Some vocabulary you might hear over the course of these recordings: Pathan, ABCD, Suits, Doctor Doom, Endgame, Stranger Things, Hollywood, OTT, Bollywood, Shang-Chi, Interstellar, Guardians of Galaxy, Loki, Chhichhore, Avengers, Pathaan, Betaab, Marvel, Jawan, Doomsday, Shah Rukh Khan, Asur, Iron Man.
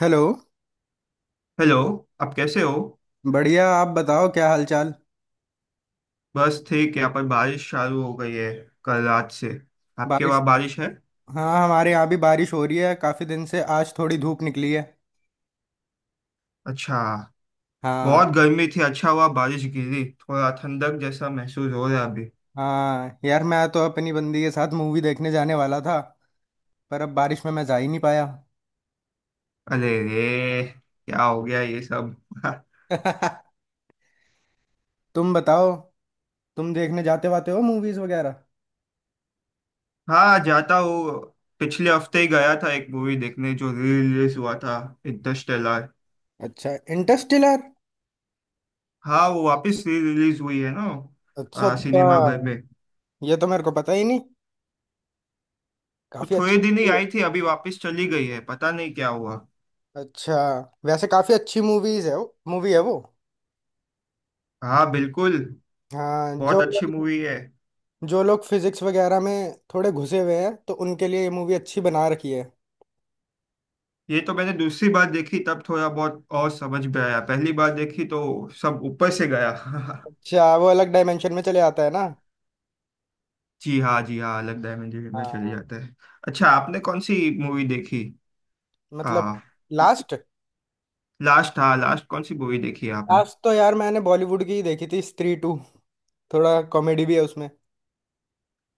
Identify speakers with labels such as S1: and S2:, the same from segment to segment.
S1: Hello.
S2: Hello. आप कैसे हो?
S1: बढ़िया, आप बताओ क्या हालचाल।
S2: बस ठीक है। यहाँ पर बारिश चालू हो गई है कल रात से। आपके
S1: बारिश?
S2: वहाँ बारिश है?
S1: हाँ हमारे यहाँ भी बारिश हो रही है काफ़ी दिन से, आज थोड़ी धूप निकली है।
S2: अच्छा।
S1: हाँ।
S2: बहुत गर्मी थी, अच्छा हुआ बारिश गिरी। थोड़ा ठंडक जैसा महसूस हो रहा है अभी।
S1: हाँ यार, मैं तो अपनी बंदी के साथ मूवी देखने जाने वाला था, पर अब बारिश में मैं जा ही नहीं पाया।
S2: अरे रे! क्या हो गया ये सब?
S1: तुम बताओ, तुम देखने जाते वाते हो मूवीज़ वगैरह?
S2: हाँ, जाता हूँ। पिछले हफ्ते ही गया था एक मूवी देखने जो री रिलीज हुआ था। इंटरस्टेलर।
S1: अच्छा, इंटरस्टेलर।
S2: हाँ, वो वापस री रिलीज हुई है ना।
S1: अच्छा अच्छा।
S2: सिनेमा घर में।
S1: ये तो मेरे को पता ही नहीं।
S2: वो
S1: काफ़ी
S2: थोड़े
S1: अच्छी
S2: दिन ही
S1: मूवी
S2: आई थी, अभी वापस चली गई है, पता नहीं क्या हुआ।
S1: है। अच्छा, वैसे काफ़ी अच्छी मूवीज़ है। वो मूवी है वो।
S2: हाँ, बिल्कुल।
S1: हाँ जो
S2: बहुत अच्छी मूवी है।
S1: जो लोग फिजिक्स वगैरह में थोड़े घुसे हुए हैं तो उनके लिए ये मूवी अच्छी बना रखी है।
S2: ये तो मैंने दूसरी बार देखी तब थोड़ा बहुत और समझ में आया। पहली बार देखी तो सब ऊपर से गया।
S1: अच्छा, वो अलग डायमेंशन में चले आता है ना।
S2: जी हाँ, जी हाँ, अलग डायमेंशन में चले
S1: हाँ।
S2: जाते हैं। अच्छा, आपने कौन सी मूवी देखी?
S1: मतलब
S2: आ,
S1: लास्ट।
S2: लास्ट। हाँ, लास्ट कौन सी मूवी देखी है आपने?
S1: लास्ट तो यार मैंने बॉलीवुड की ही देखी थी, स्त्री टू। थोड़ा कॉमेडी भी है उसमें।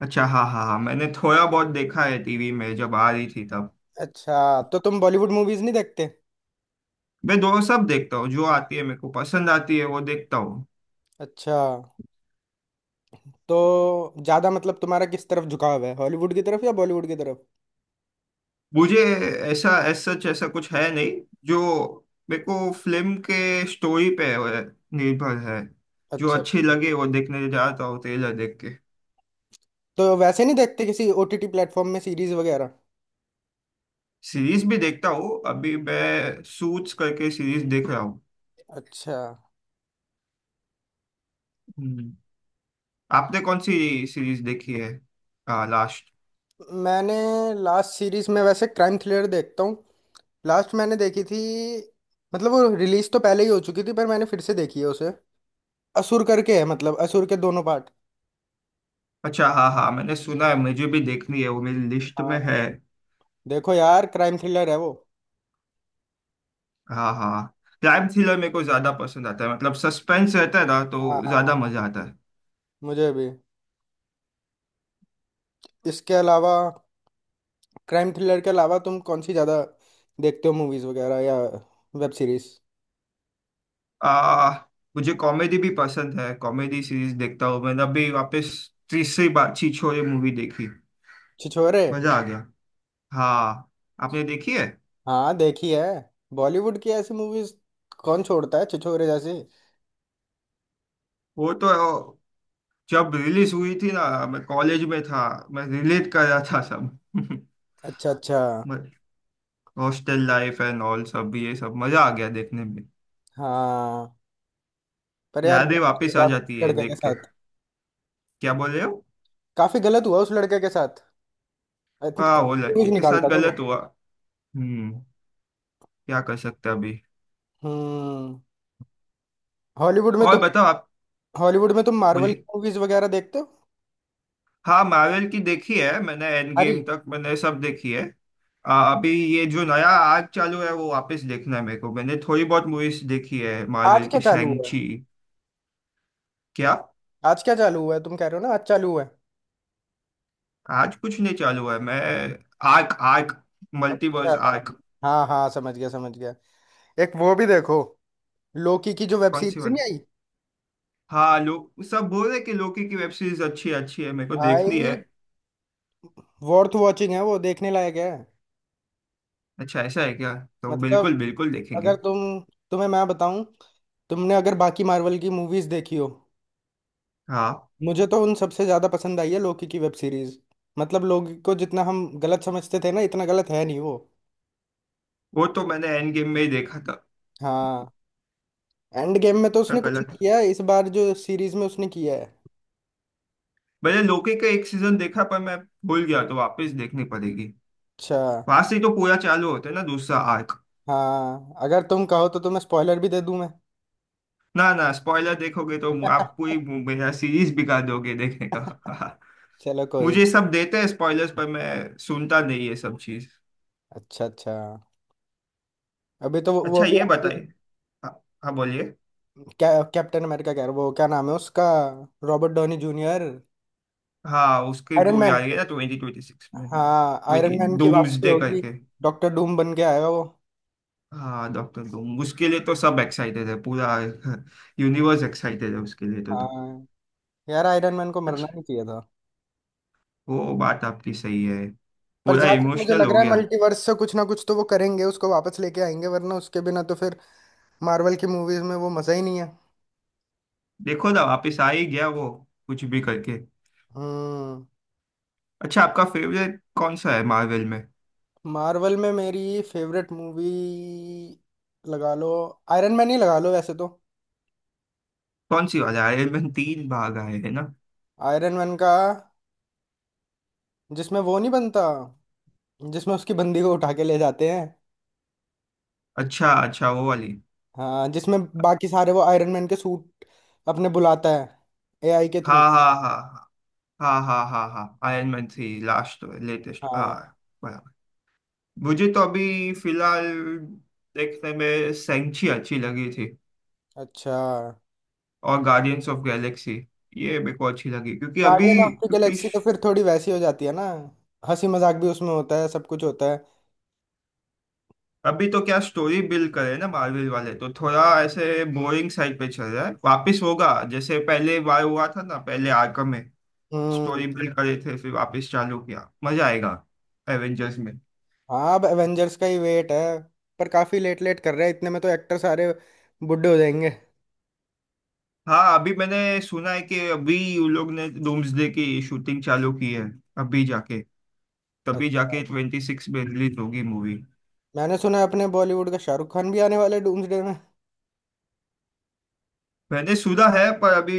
S2: अच्छा, हाँ हाँ हाँ, मैंने थोड़ा बहुत देखा है टीवी में जब आ रही थी तब।
S1: अच्छा, तो तुम बॉलीवुड मूवीज नहीं देखते?
S2: मैं दो सब देखता हूँ, जो आती है मेरे को पसंद आती है वो देखता हूँ।
S1: अच्छा, तो ज्यादा मतलब तुम्हारा किस तरफ झुकाव है, हॉलीवुड की तरफ या बॉलीवुड की तरफ?
S2: मुझे ऐसा एज सच ऐसा कुछ है नहीं, जो मेरे को फिल्म के स्टोरी पे निर्भर है। जो
S1: अच्छा
S2: अच्छी
S1: अच्छा।
S2: लगे वो देखने जाता हूँ ट्रेलर देख के।
S1: तो वैसे नहीं देखते किसी ओटीटी प्लेटफॉर्म में सीरीज वगैरह?
S2: सीरीज भी देखता हूँ, अभी मैं सूट्स करके सीरीज देख रहा हूँ।
S1: अच्छा।
S2: हम्म। आपने कौन सी सीरीज देखी है? लास्ट।
S1: मैंने लास्ट सीरीज में वैसे क्राइम थ्रिलर देखता हूँ। लास्ट मैंने देखी थी, मतलब वो रिलीज तो पहले ही हो चुकी थी पर मैंने फिर से देखी है उसे, असुर करके है, मतलब असुर के दोनों पार्ट।
S2: अच्छा, हाँ हाँ, मैंने सुना है, मुझे भी देखनी है, वो मेरी लिस्ट
S1: हाँ,
S2: में है।
S1: देखो यार क्राइम थ्रिलर है वो।
S2: हाँ, हाँ। क्राइम थ्रिलर मेरे को ज्यादा पसंद आता है, मतलब सस्पेंस रहता है ना
S1: हाँ
S2: तो ज्यादा
S1: हाँ,
S2: मजा आता है।
S1: मुझे भी। इसके अलावा, क्राइम थ्रिलर के अलावा तुम कौन सी ज़्यादा देखते हो मूवीज़ वगैरह या वेब सीरीज?
S2: आ, मुझे कॉमेडी भी पसंद है, कॉमेडी सीरीज देखता हूँ। मैंने अभी वापस तीसरी बार छीछोरे ये मूवी देखी,
S1: छिछोरे।
S2: मजा आ गया। हाँ, आपने देखी है?
S1: हाँ देखी है। बॉलीवुड की ऐसी मूवीज़ कौन छोड़ता है, छिछोरे जैसी।
S2: वो तो जब रिलीज हुई थी ना, मैं कॉलेज में था, मैं रिलेट कर रहा था सब।
S1: अच्छा अच्छा।
S2: हॉस्टल लाइफ एंड ऑल सब, ये सब मजा आ गया देखने में।
S1: हाँ। पर यार
S2: यादें वापस आ जाती
S1: काफी
S2: है
S1: लड़के के
S2: देख के।
S1: साथ,
S2: क्या बोल रहे हो?
S1: काफ़ी गलत हुआ उस लड़के के साथ, आई थिंक।
S2: हाँ, वो
S1: मूवीज
S2: लड़की के साथ
S1: निकालता था
S2: गलत
S1: वो।
S2: हुआ। हम्म। क्या कर सकते हैं अभी।
S1: हम्म। हॉलीवुड में
S2: और
S1: तो,
S2: बताओ आप।
S1: हॉलीवुड में तुम मार्वल की
S2: बोलिए।
S1: मूवीज वगैरह देखते हो?
S2: हाँ, मार्वल की देखी है मैंने, एंड गेम
S1: अरे।
S2: तक मैंने सब देखी है। अभी ये जो नया आर्क चालू है वो वापस देखना है मेरे को, मैंने थोड़ी बहुत मूवीज देखी है
S1: आज
S2: मार्वल
S1: क्या
S2: की,
S1: चालू हुआ है?
S2: शैंगची। क्या?
S1: आज क्या चालू हुआ है, तुम कह रहे हो ना आज चालू हुआ है।
S2: आज कुछ नहीं चालू है, मैं आर्क आर्क मल्टीवर्स
S1: अच्छा,
S2: आर्क।
S1: हाँ हाँ समझ गया समझ गया। एक वो भी देखो, लोकी की जो वेब
S2: कौन सी
S1: सीरीज
S2: वाले?
S1: नहीं आई।
S2: हाँ, लोग सब बोल रहे कि लोकी की वेब सीरीज अच्छी अच्छी है, मेरे को देखनी
S1: भाई
S2: है।
S1: वर्थ वॉचिंग है वो, देखने लायक है।
S2: अच्छा, ऐसा है क्या? तो
S1: मतलब
S2: बिल्कुल बिल्कुल देखेंगे।
S1: अगर तुम, तुम्हें मैं बताऊं, तुमने अगर बाकी मार्वल की मूवीज देखी हो,
S2: हाँ,
S1: मुझे तो उन सबसे ज्यादा पसंद आई है लोकी की वेब सीरीज। मतलब लोकी को जितना हम गलत समझते थे ना, इतना गलत है नहीं वो।
S2: वो तो मैंने एंड गेम में ही देखा था।
S1: हाँ, एंड गेम में तो
S2: था
S1: उसने कुछ नहीं
S2: गलत।
S1: किया है, इस बार जो सीरीज में उसने किया है।
S2: मैंने लोकी का एक सीजन देखा, पर मैं भूल गया, तो वापस देखनी पड़ेगी।
S1: अच्छा।
S2: वहां से ही तो पूरा चालू होता है ना दूसरा आर्क।
S1: हाँ अगर तुम कहो तो तुम्हें स्पॉइलर भी दे दूं मैं।
S2: ना ना, स्पॉइलर देखोगे तो। आप पूरी मेरा सीरीज बिगाड़ दोगे देखने का।
S1: चलो कोई नहीं।
S2: मुझे सब देते हैं स्पॉयलर्स, पर मैं सुनता नहीं ये सब चीज।
S1: अच्छा अच्छा। अभी तो वो
S2: अच्छा,
S1: भी,
S2: ये बताइए। हाँ। हाँ, बोलिए।
S1: क्या कैप्टन अमेरिका कह रहा, वो क्या नाम है उसका, रॉबर्ट डॉनी जूनियर।
S2: हाँ, उसकी
S1: आयरन
S2: मूवी
S1: मैन।
S2: आ रही है ना ट्वेंटी ट्वेंटी सिक्स में।
S1: हाँ आयरन
S2: ट्वेंटी
S1: मैन की वापसी
S2: डूम्सडे
S1: होगी।
S2: करके।
S1: डॉक्टर डूम बन के आएगा वो।
S2: हाँ, डॉक्टर डूम, उसके लिए तो सब एक्साइटेड है पूरा। यूनिवर्स एक्साइटेड है उसके लिए तो।
S1: हाँ यार, आयरन मैन को मरना
S2: अच्छा।
S1: नहीं चाहिए था।
S2: वो बात आपकी सही है।
S1: पर
S2: पूरा
S1: जहां तक मुझे
S2: इमोशनल
S1: लग
S2: हो
S1: रहा है,
S2: गया।
S1: मल्टीवर्स से कुछ ना कुछ तो वो करेंगे, उसको वापस लेके आएंगे, वरना उसके बिना तो फिर मार्वल की मूवीज में वो मजा ही नहीं है।
S2: देखो ना, वापिस आ ही गया वो कुछ भी करके।
S1: हम्म।
S2: अच्छा, आपका फेवरेट कौन सा है मार्वल में?
S1: मार्वल में मेरी फेवरेट मूवी, लगा लो आयरन मैन ही लगा लो वैसे तो।
S2: कौन सी वाला आयरन मैन, तीन भाग आए हैं ना।
S1: आयरन मैन का, जिसमें वो नहीं बनता, जिसमें उसकी बंदी को उठा के ले जाते हैं।
S2: अच्छा अच्छा, वो वाली।
S1: हाँ, जिसमें बाकी सारे वो आयरन मैन के सूट अपने बुलाता है एआई के थ्रू।
S2: हाँ हाँ हाँ हाँ हाँ हाँ हाँ, Iron Man three last latest, हाँ।
S1: हाँ।
S2: बराबर। मुझे तो अभी फिलहाल देखने में सेंची अच्छी लगी थी।
S1: अच्छा,
S2: और गार्डियंस ऑफ गैलेक्सी, ये मेरे को अच्छी लगी क्योंकि अभी
S1: गार्डियन ऑफ द
S2: क्योंकि
S1: गैलेक्सी तो फिर थोड़ी वैसी हो जाती है ना, हंसी मजाक भी उसमें होता है, सब कुछ होता है।
S2: अभी तो क्या स्टोरी बिल्ड करे ना, मार्वल वाले तो थोड़ा ऐसे बोरिंग साइड पे चल रहा है, वापिस होगा जैसे पहले बार हुआ था ना पहले आर्कम में।
S1: हम्म।
S2: स्टोरी बिल्ड करे थे, फिर वापस चालू किया, मजा आएगा एवेंजर्स में।
S1: हाँ, अब एवेंजर्स का ही वेट है। पर काफी लेट लेट कर रहे हैं, इतने में तो एक्टर सारे बुड्ढे हो जाएंगे।
S2: हाँ, अभी मैंने सुना है कि अभी उन लोग ने डूम्सडे की शूटिंग चालू की है अभी जाके, तभी
S1: अच्छा।
S2: जाके ट्वेंटी सिक्स में रिलीज होगी मूवी।
S1: मैंने सुना है अपने बॉलीवुड का शाहरुख खान भी आने वाले डूम्सडे में।
S2: मैंने सुना है, पर अभी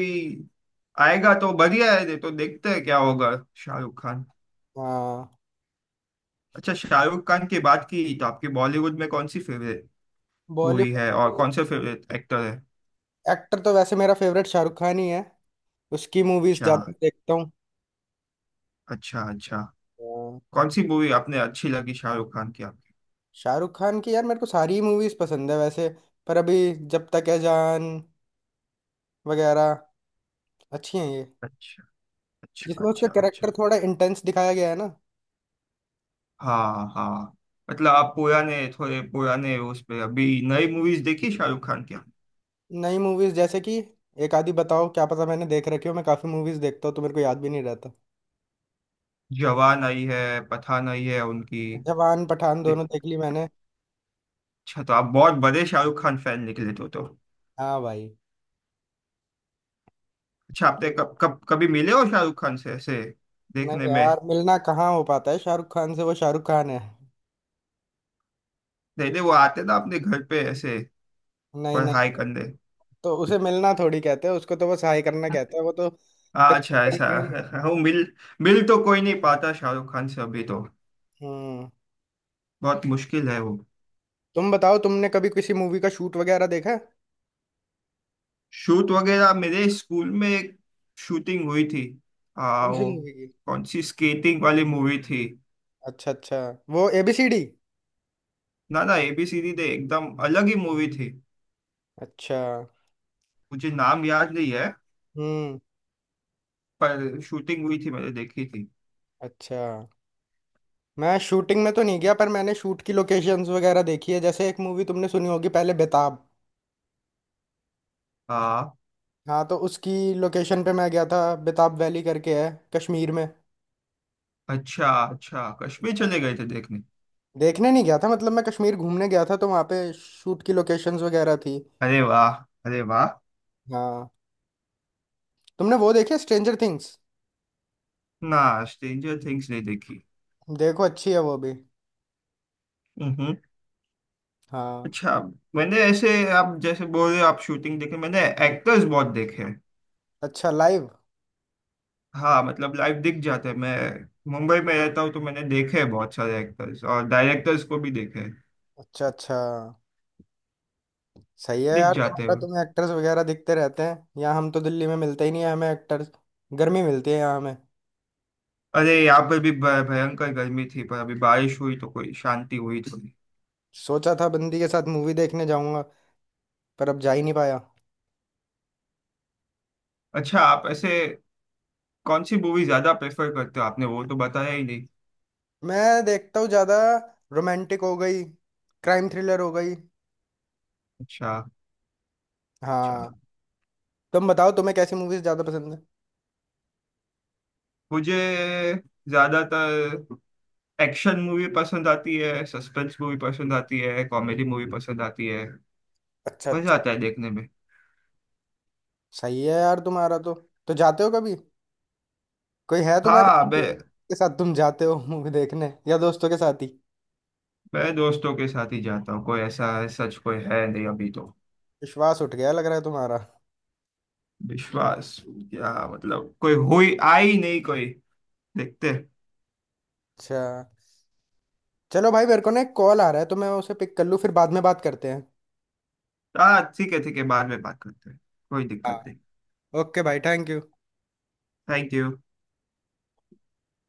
S2: आएगा तो बढ़िया है, नहीं तो देखते हैं क्या होगा। शाहरुख खान।
S1: हाँ।
S2: अच्छा, शाहरुख खान की बात की तो आपकी बॉलीवुड में कौन सी फेवरेट मूवी है और
S1: बॉलीवुड
S2: कौन से फेवरेट एक्टर है?
S1: एक्टर तो वैसे मेरा फेवरेट शाहरुख खान ही है, उसकी मूवीज
S2: अच्छा
S1: ज्यादा देखता हूँ।
S2: अच्छा अच्छा।
S1: हाँ।
S2: कौन सी मूवी आपने अच्छी लगी शाहरुख खान की आपकी?
S1: शाहरुख खान की यार मेरे को सारी मूवीज पसंद है वैसे। पर अभी, जब तक है जान वगैरह अच्छी हैं ये,
S2: अच्छा अच्छा
S1: जिसमें उसका
S2: अच्छा अच्छा।
S1: कैरेक्टर थोड़ा इंटेंस दिखाया गया है ना।
S2: हाँ हाँ। मतलब आप पुराने थोड़े पुराने उस पे, अभी नई मूवीज देखी शाहरुख खान की आपने?
S1: नई मूवीज जैसे कि, एक आधी बताओ, क्या पता मैंने देख रखी हो, मैं काफी मूवीज देखता हूँ तो मेरे को याद भी नहीं रहता।
S2: जवान आई है, पठान आई है उनकी।
S1: जवान पठान
S2: दे-
S1: दोनों देख ली मैंने।
S2: अच्छा, तो आप बहुत बड़े शाहरुख खान फैन निकले तो।
S1: हाँ भाई।
S2: अच्छा, आपने कब कब कभी मिले हो शाहरुख खान से ऐसे देखने
S1: नहीं
S2: में?
S1: यार, मिलना कहाँ हो पाता है शाहरुख खान से, वो शाहरुख खान है।
S2: नहीं नहीं, वो आते ना अपने घर पे ऐसे।
S1: नहीं
S2: पर हाय
S1: नहीं,
S2: कंधे।
S1: तो उसे मिलना थोड़ी कहते हैं, उसको तो बस हाई करना कहते हैं वो तो।
S2: हाँ, अच्छा ऐसा
S1: हम्म।
S2: है। वो मिल मिल तो कोई नहीं पाता शाहरुख खान से अभी तो, बहुत मुश्किल है वो।
S1: तुम बताओ, तुमने कभी किसी मूवी का शूट वगैरह देखा है?
S2: शूट वगैरह मेरे स्कूल में एक शूटिंग हुई थी।
S1: कौन सी
S2: वो
S1: मूवी की?
S2: कौन सी स्केटिंग वाली मूवी थी।
S1: अच्छा अच्छा, वो एबीसीडी?
S2: ना ना, एबीसीडी दे एकदम अलग ही मूवी थी।
S1: अच्छा।
S2: मुझे नाम याद नहीं है।
S1: हम्म।
S2: पर शूटिंग हुई थी मैंने देखी थी।
S1: अच्छा, मैं शूटिंग में तो नहीं गया, पर मैंने शूट की लोकेशंस वगैरह देखी है। जैसे एक मूवी तुमने सुनी होगी पहले, बेताब।
S2: हाँ।
S1: हाँ तो उसकी लोकेशन पे मैं गया था, बेताब वैली करके है, कश्मीर में।
S2: अच्छा अच्छा, कश्मीर चले गए थे देखने?
S1: देखने नहीं गया था, मतलब मैं कश्मीर घूमने गया था तो वहाँ पे शूट की लोकेशंस वगैरह थी।
S2: अरे वाह! अरे वाह!
S1: हाँ। तुमने वो देखी स्ट्रेंजर थिंग्स?
S2: ना, स्ट्रेंजर थिंग्स नहीं देखी।
S1: देखो अच्छी है वो भी।
S2: हम्म।
S1: हाँ।
S2: अच्छा। मैंने ऐसे, आप जैसे बोल रहे हो आप शूटिंग देखे, मैंने एक्टर्स बहुत देखे हैं।
S1: अच्छा लाइव?
S2: हाँ, मतलब लाइव दिख जाते हैं। मैं मुंबई में रहता हूँ तो मैंने देखे हैं बहुत सारे एक्टर्स और डायरेक्टर्स को भी देखे हैं।
S1: अच्छा अच्छा। सही है
S2: दिख
S1: यार
S2: जाते
S1: तुम्हारा,
S2: हैं।
S1: तुम्हें एक्टर्स वगैरह दिखते रहते हैं, यहाँ हम तो दिल्ली में मिलते ही नहीं है, हमें एक्टर्स। गर्मी मिलती है यहाँ हमें।
S2: अरे, यहाँ पर भी भयंकर गर्मी थी, पर अभी बारिश हुई तो कोई शांति हुई थोड़ी।
S1: सोचा था बंदी के साथ मूवी देखने जाऊंगा, पर अब जा ही नहीं पाया।
S2: अच्छा, आप ऐसे कौन सी मूवी ज्यादा प्रेफर करते हो, आपने वो तो बताया ही नहीं।
S1: मैं देखता हूँ ज्यादा, रोमांटिक हो गई, क्राइम थ्रिलर हो गई।
S2: अच्छा
S1: हाँ।
S2: अच्छा।
S1: तुम बताओ, तुम्हें कैसी मूवीज ज्यादा पसंद है?
S2: मुझे ज्यादातर एक्शन मूवी पसंद आती है, सस्पेंस मूवी पसंद आती है, कॉमेडी मूवी पसंद आती है।
S1: अच्छा
S2: मजा
S1: अच्छा।
S2: आता है देखने में।
S1: सही है यार तुम्हारा तो। तो जाते हो कभी, कोई है तुम्हारे
S2: हाँ, मैं
S1: के साथ तुम जाते हो मूवी देखने, या दोस्तों के साथ ही?
S2: मैं दोस्तों के साथ ही जाता हूँ, कोई ऐसा सच कोई है नहीं अभी तो।
S1: विश्वास उठ गया लग रहा है तुम्हारा।
S2: विश्वास क्या मतलब, कोई हुई आई नहीं कोई। देखते हैं।
S1: अच्छा। चलो भाई मेरे को ना एक कॉल आ रहा है, तो मैं उसे पिक कर लूँ, फिर बाद में बात करते हैं।
S2: हाँ ठीक है ठीक है, बाद में बात करते हैं। कोई दिक्कत नहीं।
S1: हाँ, ओके भाई थैंक यू।
S2: Thank you.